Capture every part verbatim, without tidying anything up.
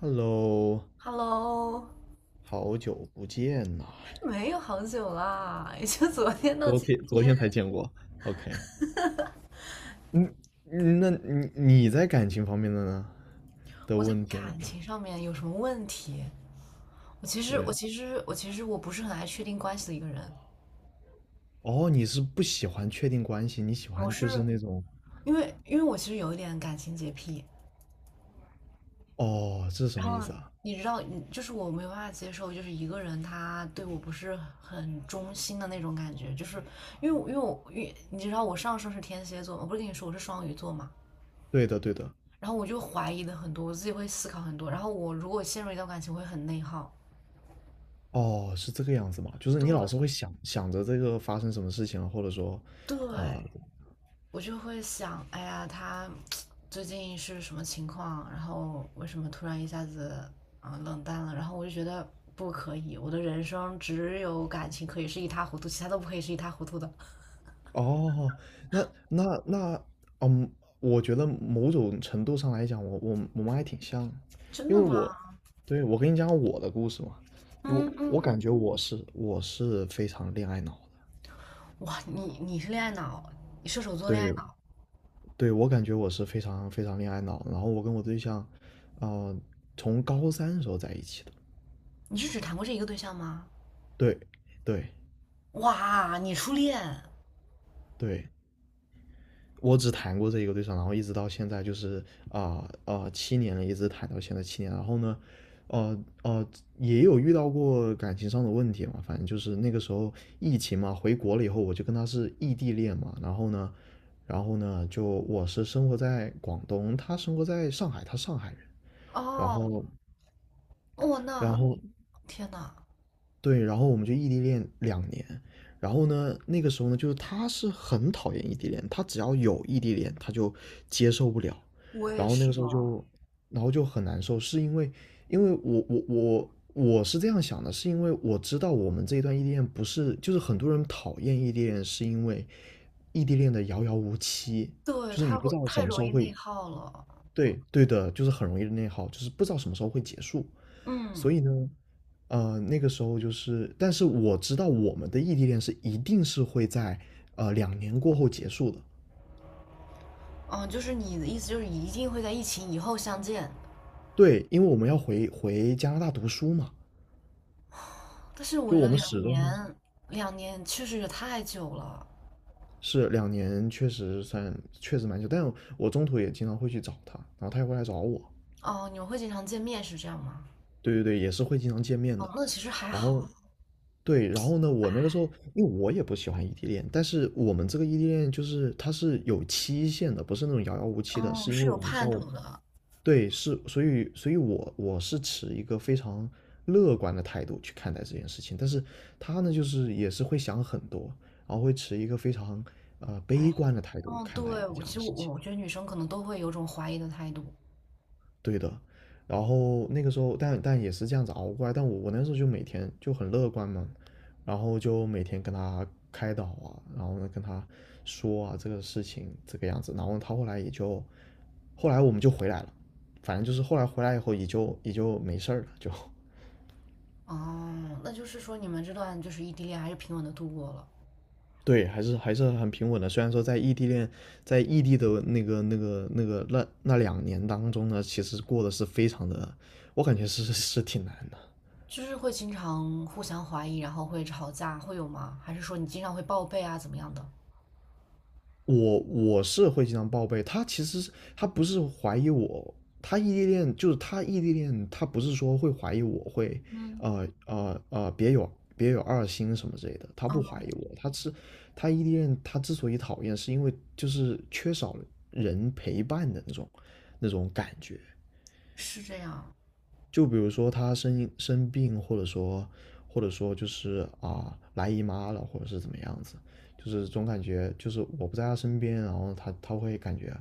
Hello，Hello，好久不见呐！没有好久啦，也就昨天到昨今天昨天。天才见过。OK，嗯。嗯那你你在感情方面的呢的我在问题呢？感情上面有什么问题？我其实，对呀。我其实，我其实我不是很爱确定关系的一个人。哦，你是不喜欢确定关系，你喜我欢就是是那种，因为，因为我其实有一点感情洁癖。哦，这是什然么意后思啊？你知道，你就是我没有办法接受，就是一个人他对我不是很忠心的那种感觉。就是因为因为我，因为你知道我上升是天蝎座，我不是跟你说我是双鱼座嘛？对的，对的。然后我就怀疑的很多，我自己会思考很多。然后我如果陷入一段感情，我会很内耗。哦，是这个样子吗？就是你老是对会想想着这个发生什么事情了，或者说啊、对，我就会想，哎呀，他最近是什么情况？然后为什么突然一下子啊、呃冷淡了？然后我就觉得不可以，我的人生只有感情可以是一塌糊涂，其他都不可以是一塌糊涂的。哦，那那那，嗯，我觉得某种程度上来讲，我我我们还挺像。真因的为吗？我，对，我跟你讲我的故事嘛。因为嗯嗯我嗯。感觉我是我是非常恋爱脑的。哇，你你是恋爱脑，你射手座恋爱对脑，对，我感觉我是非常非常恋爱脑，然后我跟我对象，呃，从高三的时候在一起的。你是只谈过这一个对象吗？对对哇，你初恋。对，我只谈过这一个对象，然后一直到现在就是啊啊呃呃七年了，一直谈到现在七年。然后呢，呃呃，也有遇到过感情上的问题嘛。反正就是那个时候疫情嘛，回国了以后我就跟他是异地恋嘛。然后呢，然后呢，就我是生活在广东，他生活在上海，他上海人。然哦，后哦然那后天呐，对，然后我们就异地恋两年。然后呢，那个时候呢，就是他是很讨厌异地恋，他只要有异地恋，他就接受不了。我然也后那是个时候哦，就，然后就很难受，是因为，因为我我我我是这样想的，是因为我知道我们这一段异地恋不是，就是很多人讨厌异地恋，是因为异地恋的遥遥无期，对，就是你太不会知道太什么时容候易会，内耗了。对对的，就是很容易内耗，就是不知道什么时候会结束。所嗯。以呢，呃，那个时候就是，但是我知道我们的异地恋是一定是会在呃两年过后结束的。嗯，就是你的意思就是一定会在疫情以后相见，对，因为我们要回回加拿大读书嘛。但是我就觉我得们两始终年，还是两年确实也太久了。是两年，确实算确实蛮久。但我中途也经常会去找他，然后他也会来找我。哦，你们会经常见面是这样吗？对对对，也是会经常见面的。哦，那其实还然好。后对。然后呢，我那个时候因为我也不喜欢异地恋，但是我们这个异地恋就是它是有期限的，不是那种遥遥无期的，哦，是因为是有我们知盼道我。头的。对，是。所以，所以我我是持一个非常乐观的态度去看待这件事情，但是他呢，就是也是会想很多，然后会持一个非常呃哎，悲观的态度哦，看待一对，个这我样其的实我事情。我觉得女生可能都会有种怀疑的态度。对的。然后那个时候，但但也是这样子熬过来。但我我那时候就每天就很乐观嘛，然后就每天跟他开导啊，然后呢跟他说啊这个事情这个样子。然后他后来也就，后来我们就回来了。反正就是后来回来以后也就也就没事儿了，就哦，那就是说你们这段就是异地恋还是平稳的度过了，对，还是还是很平稳的。虽然说在异地恋，在异地的那个那个那个那那两年当中呢，其实过得是非常的，我感觉是是挺难的。就是会经常互相怀疑，然后会吵架，会有吗？还是说你经常会报备啊，怎么样的？我我是会经常报备。他其实他不是怀疑我，他异地恋就是他异地恋，他不是说会怀疑我会，嗯，呃呃呃，别有别有二心什么之类的。他不怀哦，疑我，他是他异地恋。他之所以讨厌，是因为就是缺少人陪伴的那种那种感觉。是这样。就比如说他生生病，或者说或者说就是啊来姨妈了，或者是怎么样子。就是总感觉就是我不在他身边，然后他他会感觉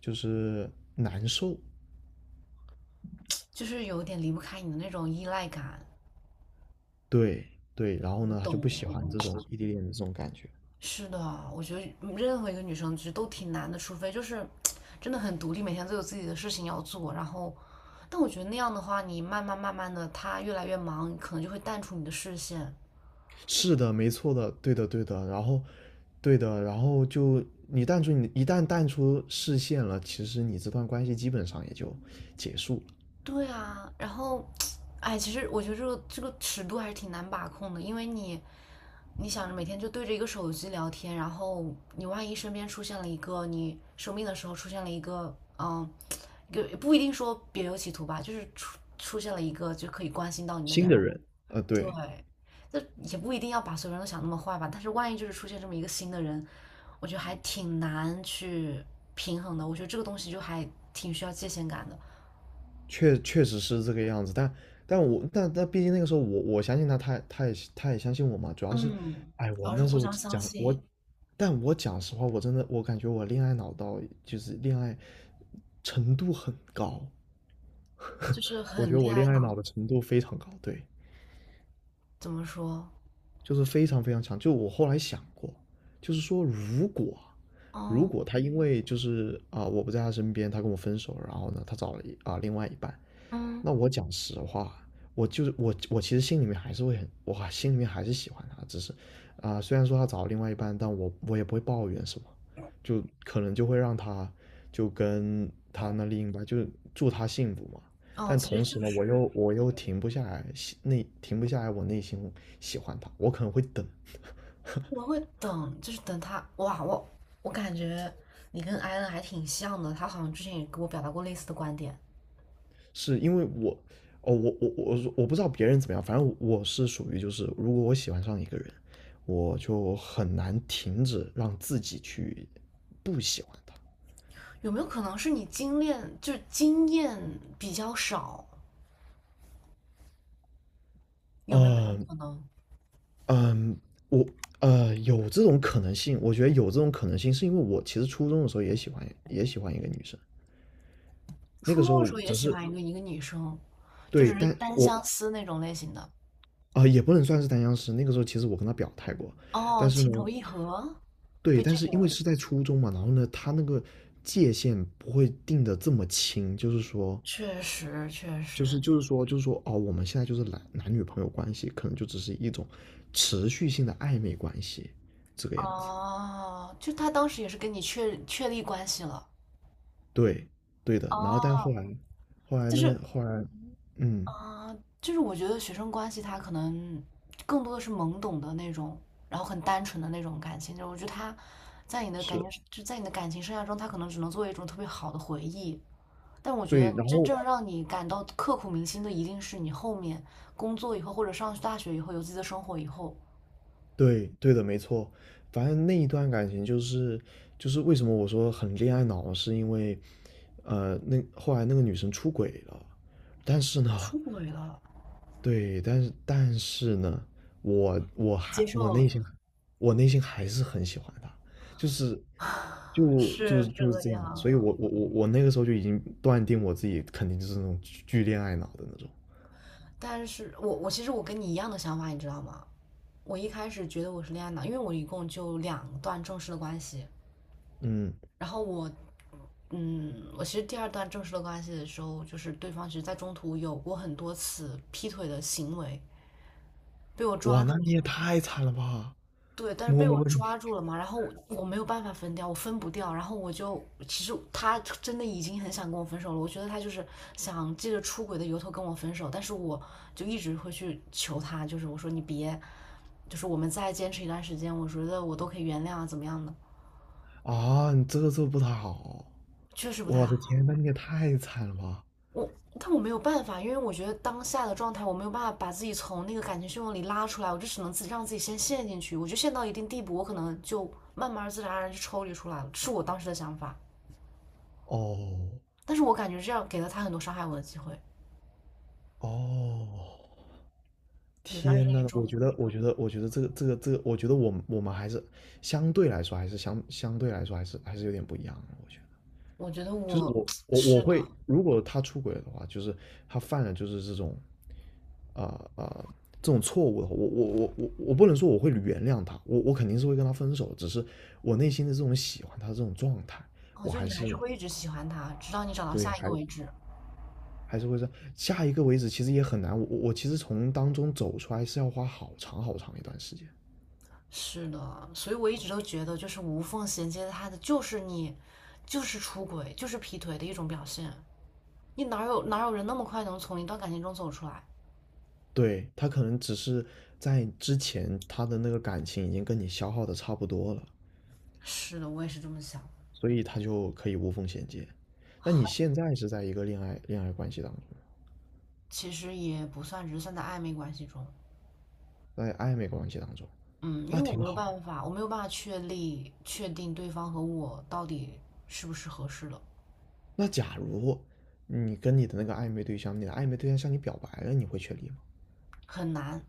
就是难受。就是有点离不开你的那种依赖感。对对，然后我呢他就不懂的，喜我欢懂这的。种异地恋的这种感觉。是的，我觉得嗯任何一个女生其实都挺难的，除非就是真的很独立，每天都有自己的事情要做。然后，但我觉得那样的话，你慢慢慢慢的，她越来越忙，可能就会淡出你的视线。是的，没错的，对的，对的。然后，对的，然后就你淡出你一旦淡出视线了，其实你这段关系基本上也就结束了。对啊，然后，哎，其实我觉得这个这个尺度还是挺难把控的，因为你你想着每天就对着一个手机聊天，然后你万一身边出现了一个你生病的时候出现了一个嗯有也不一定说别有企图吧，就是出出现了一个就可以关心到你的新人，的人，呃，对，对，那也不一定要把所有人都想那么坏吧，但是万一就是出现这么一个新的人，我觉得还挺难去平衡的，我觉得这个东西就还挺需要界限感的。确确实是这个样子。但但我但但毕竟那个时候我我相信他，他也他也他也相信我嘛。主要是，嗯，哎，主我要是那时互候相相讲我。信，但我讲实话，我真的我感觉我恋爱脑到就是恋爱程度很高，就是我觉很得我恋恋爱爱脑，脑的程度非常高。对，怎么说？就是非常非常强。就我后来想过，就是说如果如嗯果他因为就是啊、我不在他身边，他跟我分手，然后呢他找了一啊、另外一半。嗯那我讲实话，我就是我我其实心里面还是会很，我心里面还是喜欢他，只是啊、虽然说他找了另外一半，但我我也不会抱怨什么，就可能就会让他就跟他那另一半就祝他幸福嘛。哦，但其实同就时呢，我是又我又停不下来，内停不下来。我内心喜欢他，我可能会等。我会等，就是等他。哇，我我感觉你跟艾恩还挺像的，他好像之前也跟我表达过类似的观点。是因为我，哦，我我我我不知道别人怎么样。反正我是属于就是，如果我喜欢上一个人，我就很难停止让自己去不喜欢他。有没有可能是你经验就是经验比较少？有没有这种嗯可能？嗯，我呃有这种可能性，我觉得有这种可能性，是因为我其实初中的时候也喜欢也喜欢一个女生。那个初时中的候时候也只喜是欢一个一个女生，就对。只是但单我相思那种类型的。啊、也不能算是单相思。那个时候其实我跟他表态过，但哦，是情呢，投意合，被对，但拒是绝因为了。是在初中嘛，然后呢，他那个界限不会定的这么清。就是说，确实，确就实。是就是说，就是说，哦，我们现在就是男男女朋友关系，可能就只是一种持续性的暧昧关系，这个样子。哦，就他当时也是跟你确确立关系了。对，对的。然后但哦，后来，后来就那个是后来，嗯，啊、呃就是我觉得学生关系它可能更多的是懵懂的那种，然后很单纯的那种感情。就是我觉得它在你的感是情，就在你的感情生涯中，它可能只能作为一种特别好的回忆。但我觉对。得然真后正让你感到刻骨铭心的，一定是你后面工作以后，或者上大学以后，有自己的生活以后，对，对的，没错。反正那一段感情就是就是为什么我说很恋爱脑，是因为呃，那后来那个女生出轨了。但是呢，出轨了，对，但是但是呢，我我还接受我内了。心我内心还是很喜欢她。就是就就是是就是这这样。所以样，我我我我那个时候就已经断定我自己肯定就是那种巨巨恋爱脑的那种。但是我我其实我跟你一样的想法，你知道吗？我一开始觉得我是恋爱脑，因为我一共就两段正式的关系，嗯，然后我，嗯，我其实第二段正式的关系的时候，就是对方其实在中途有过很多次劈腿的行为，被我哇，抓住那了。你也太惨了吧，对，但是摸被我摸你。抓住了嘛，然后我我没有办法分掉，我分不掉，然后我就其实他真的已经很想跟我分手了，我觉得他就是想借着出轨的由头跟我分手，但是我就一直会去求他，就是我说你别，就是我们再坚持一段时间，我觉得我都可以原谅啊，怎么样的，啊，你这个做不太好。确实不太我的好。天，那你也太惨了吧！我，但我没有办法，因为我觉得当下的状态，我没有办法把自己从那个感情漩涡里拉出来，我就只能自己让自己先陷进去。我就陷到一定地步，我可能就慢慢自然而然就抽离出来了，是我当时的想法。哦但是我感觉这样给了他很多伤害我的机会，哦，也算天是一呐，我种。觉得，我觉得，我觉得这个这个这个，我觉得我们我们还是相对来说还是相相对来说还是还是有点不一样的，我觉得，我觉得就是我我我是我的，会，如果他出轨的话，就是他犯了就是这种，啊、啊、这种错误的话，我我我我我不能说我会原谅他，我我肯定是会跟他分手。只是我内心的这种喜欢他这种状态，我我觉得还你还是是会一直喜欢他，直到你找到对下一个还为止。还是会说下一个为止，其实也很难。我我我其实从当中走出来是要花好长好长一段时间。是的，所以我一直都觉得，就是无缝衔接他的，就是你，就是出轨，就是劈腿的一种表现。你哪有哪有人那么快能从一段感情中走出来？对，他可能只是在之前他的那个感情已经跟你消耗的差不多了，是的，我也是这么想。所以他就可以无缝衔接。那你现在是在一个恋爱恋爱关系当中，其实也不算，只是算在暧昧关系中。在暧昧关系当中，嗯，因那为我挺没有好。办法，我没有办法确立确定对方和我到底是不是合适的，那假如你跟你的那个暧昧对象，你的暧昧对象向你表白了，你会确立吗？很难，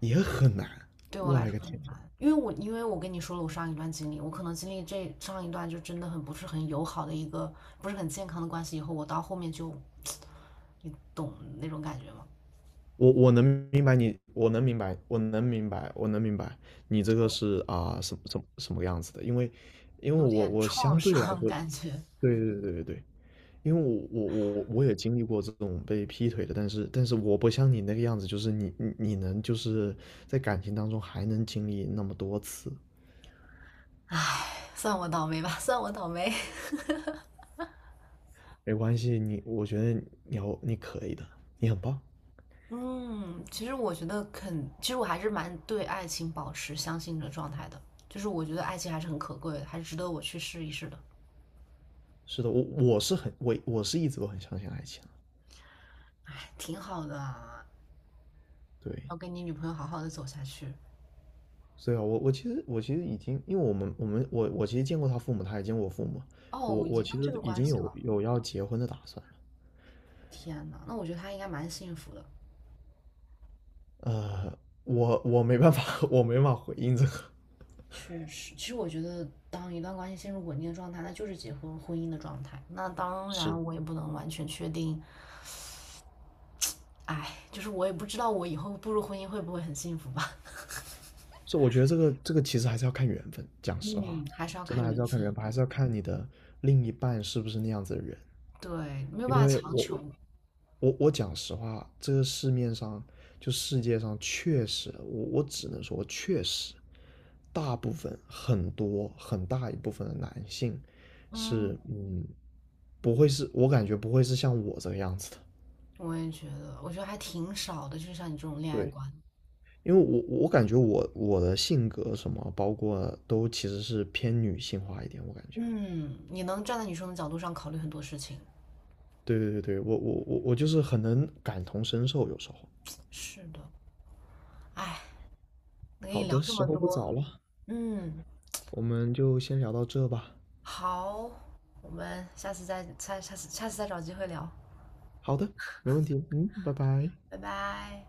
也很难。对我我来勒说个很天！难。因为我因为我跟你说了我上一段经历，我可能经历这上一段就真的很不是很友好的一个不是很健康的关系，以后我到后面就你懂那种感觉吗？我我能明白你，我能明白，我能明白，我能明白你这个是啊、什么什么什么样子的？因为因为有我点我创相对来伤说，感觉，对对对对对，因为我我我我也经历过这种被劈腿的，但是但是我不像你那个样子，就是你你你能就是在感情当中还能经历那么多次。算我倒霉吧，算我倒霉。没关系，你我觉得你要你可以的，你很棒。嗯，其实我觉得肯，其实我还是蛮对爱情保持相信的状态的，就是我觉得爱情还是很可贵的，还是值得我去试一试的，是的，我我是很我我是一直都很相信爱情的。挺好的啊，对。要跟你女朋友好好的走下去。所以啊，我我其实我其实已经。因为我们我们我我其实见过他父母，他也见过我父母，我哦，已我经其到这实个已关经系了，有有要结婚的打算了。天呐，那我觉得他应该蛮幸福的。呃，我我没办法，我没办法回应这个。确实，其实我觉得，当一段关系陷入稳定的状态，那就是结婚婚姻的状态。那 当是。然，我也不能完全确定，哎，就是我也不知道我以后步入婚姻会不会很幸福吧。是，我觉得这个这个其实还是要看缘分，讲实话，嗯，还是要真的看还是缘要看缘分。分，还是要看你的另一半是不是那样子的人。对，没有因办法为强我求。我我讲实话，这个市面上就世界上确实，我我只能说确实，大部分很多很大一部分的男性嗯，是嗯，不会是我感觉不会是像我这个样子的。我也觉得，我觉得还挺少的，就是像你这种恋爱对，观。因为我我感觉我我的性格什么，包括都其实是偏女性化一点，我感觉。嗯，你能站在女生的角度上考虑很多事情。对对对对，我我我我就是很能感同身受，有时候。是的，哎，能跟你好聊的，这时么候不多，早了，嗯，我们就先聊到这吧。好，我们下次再下下次下次再找机会聊，好的，没问题。嗯，拜拜。拜拜。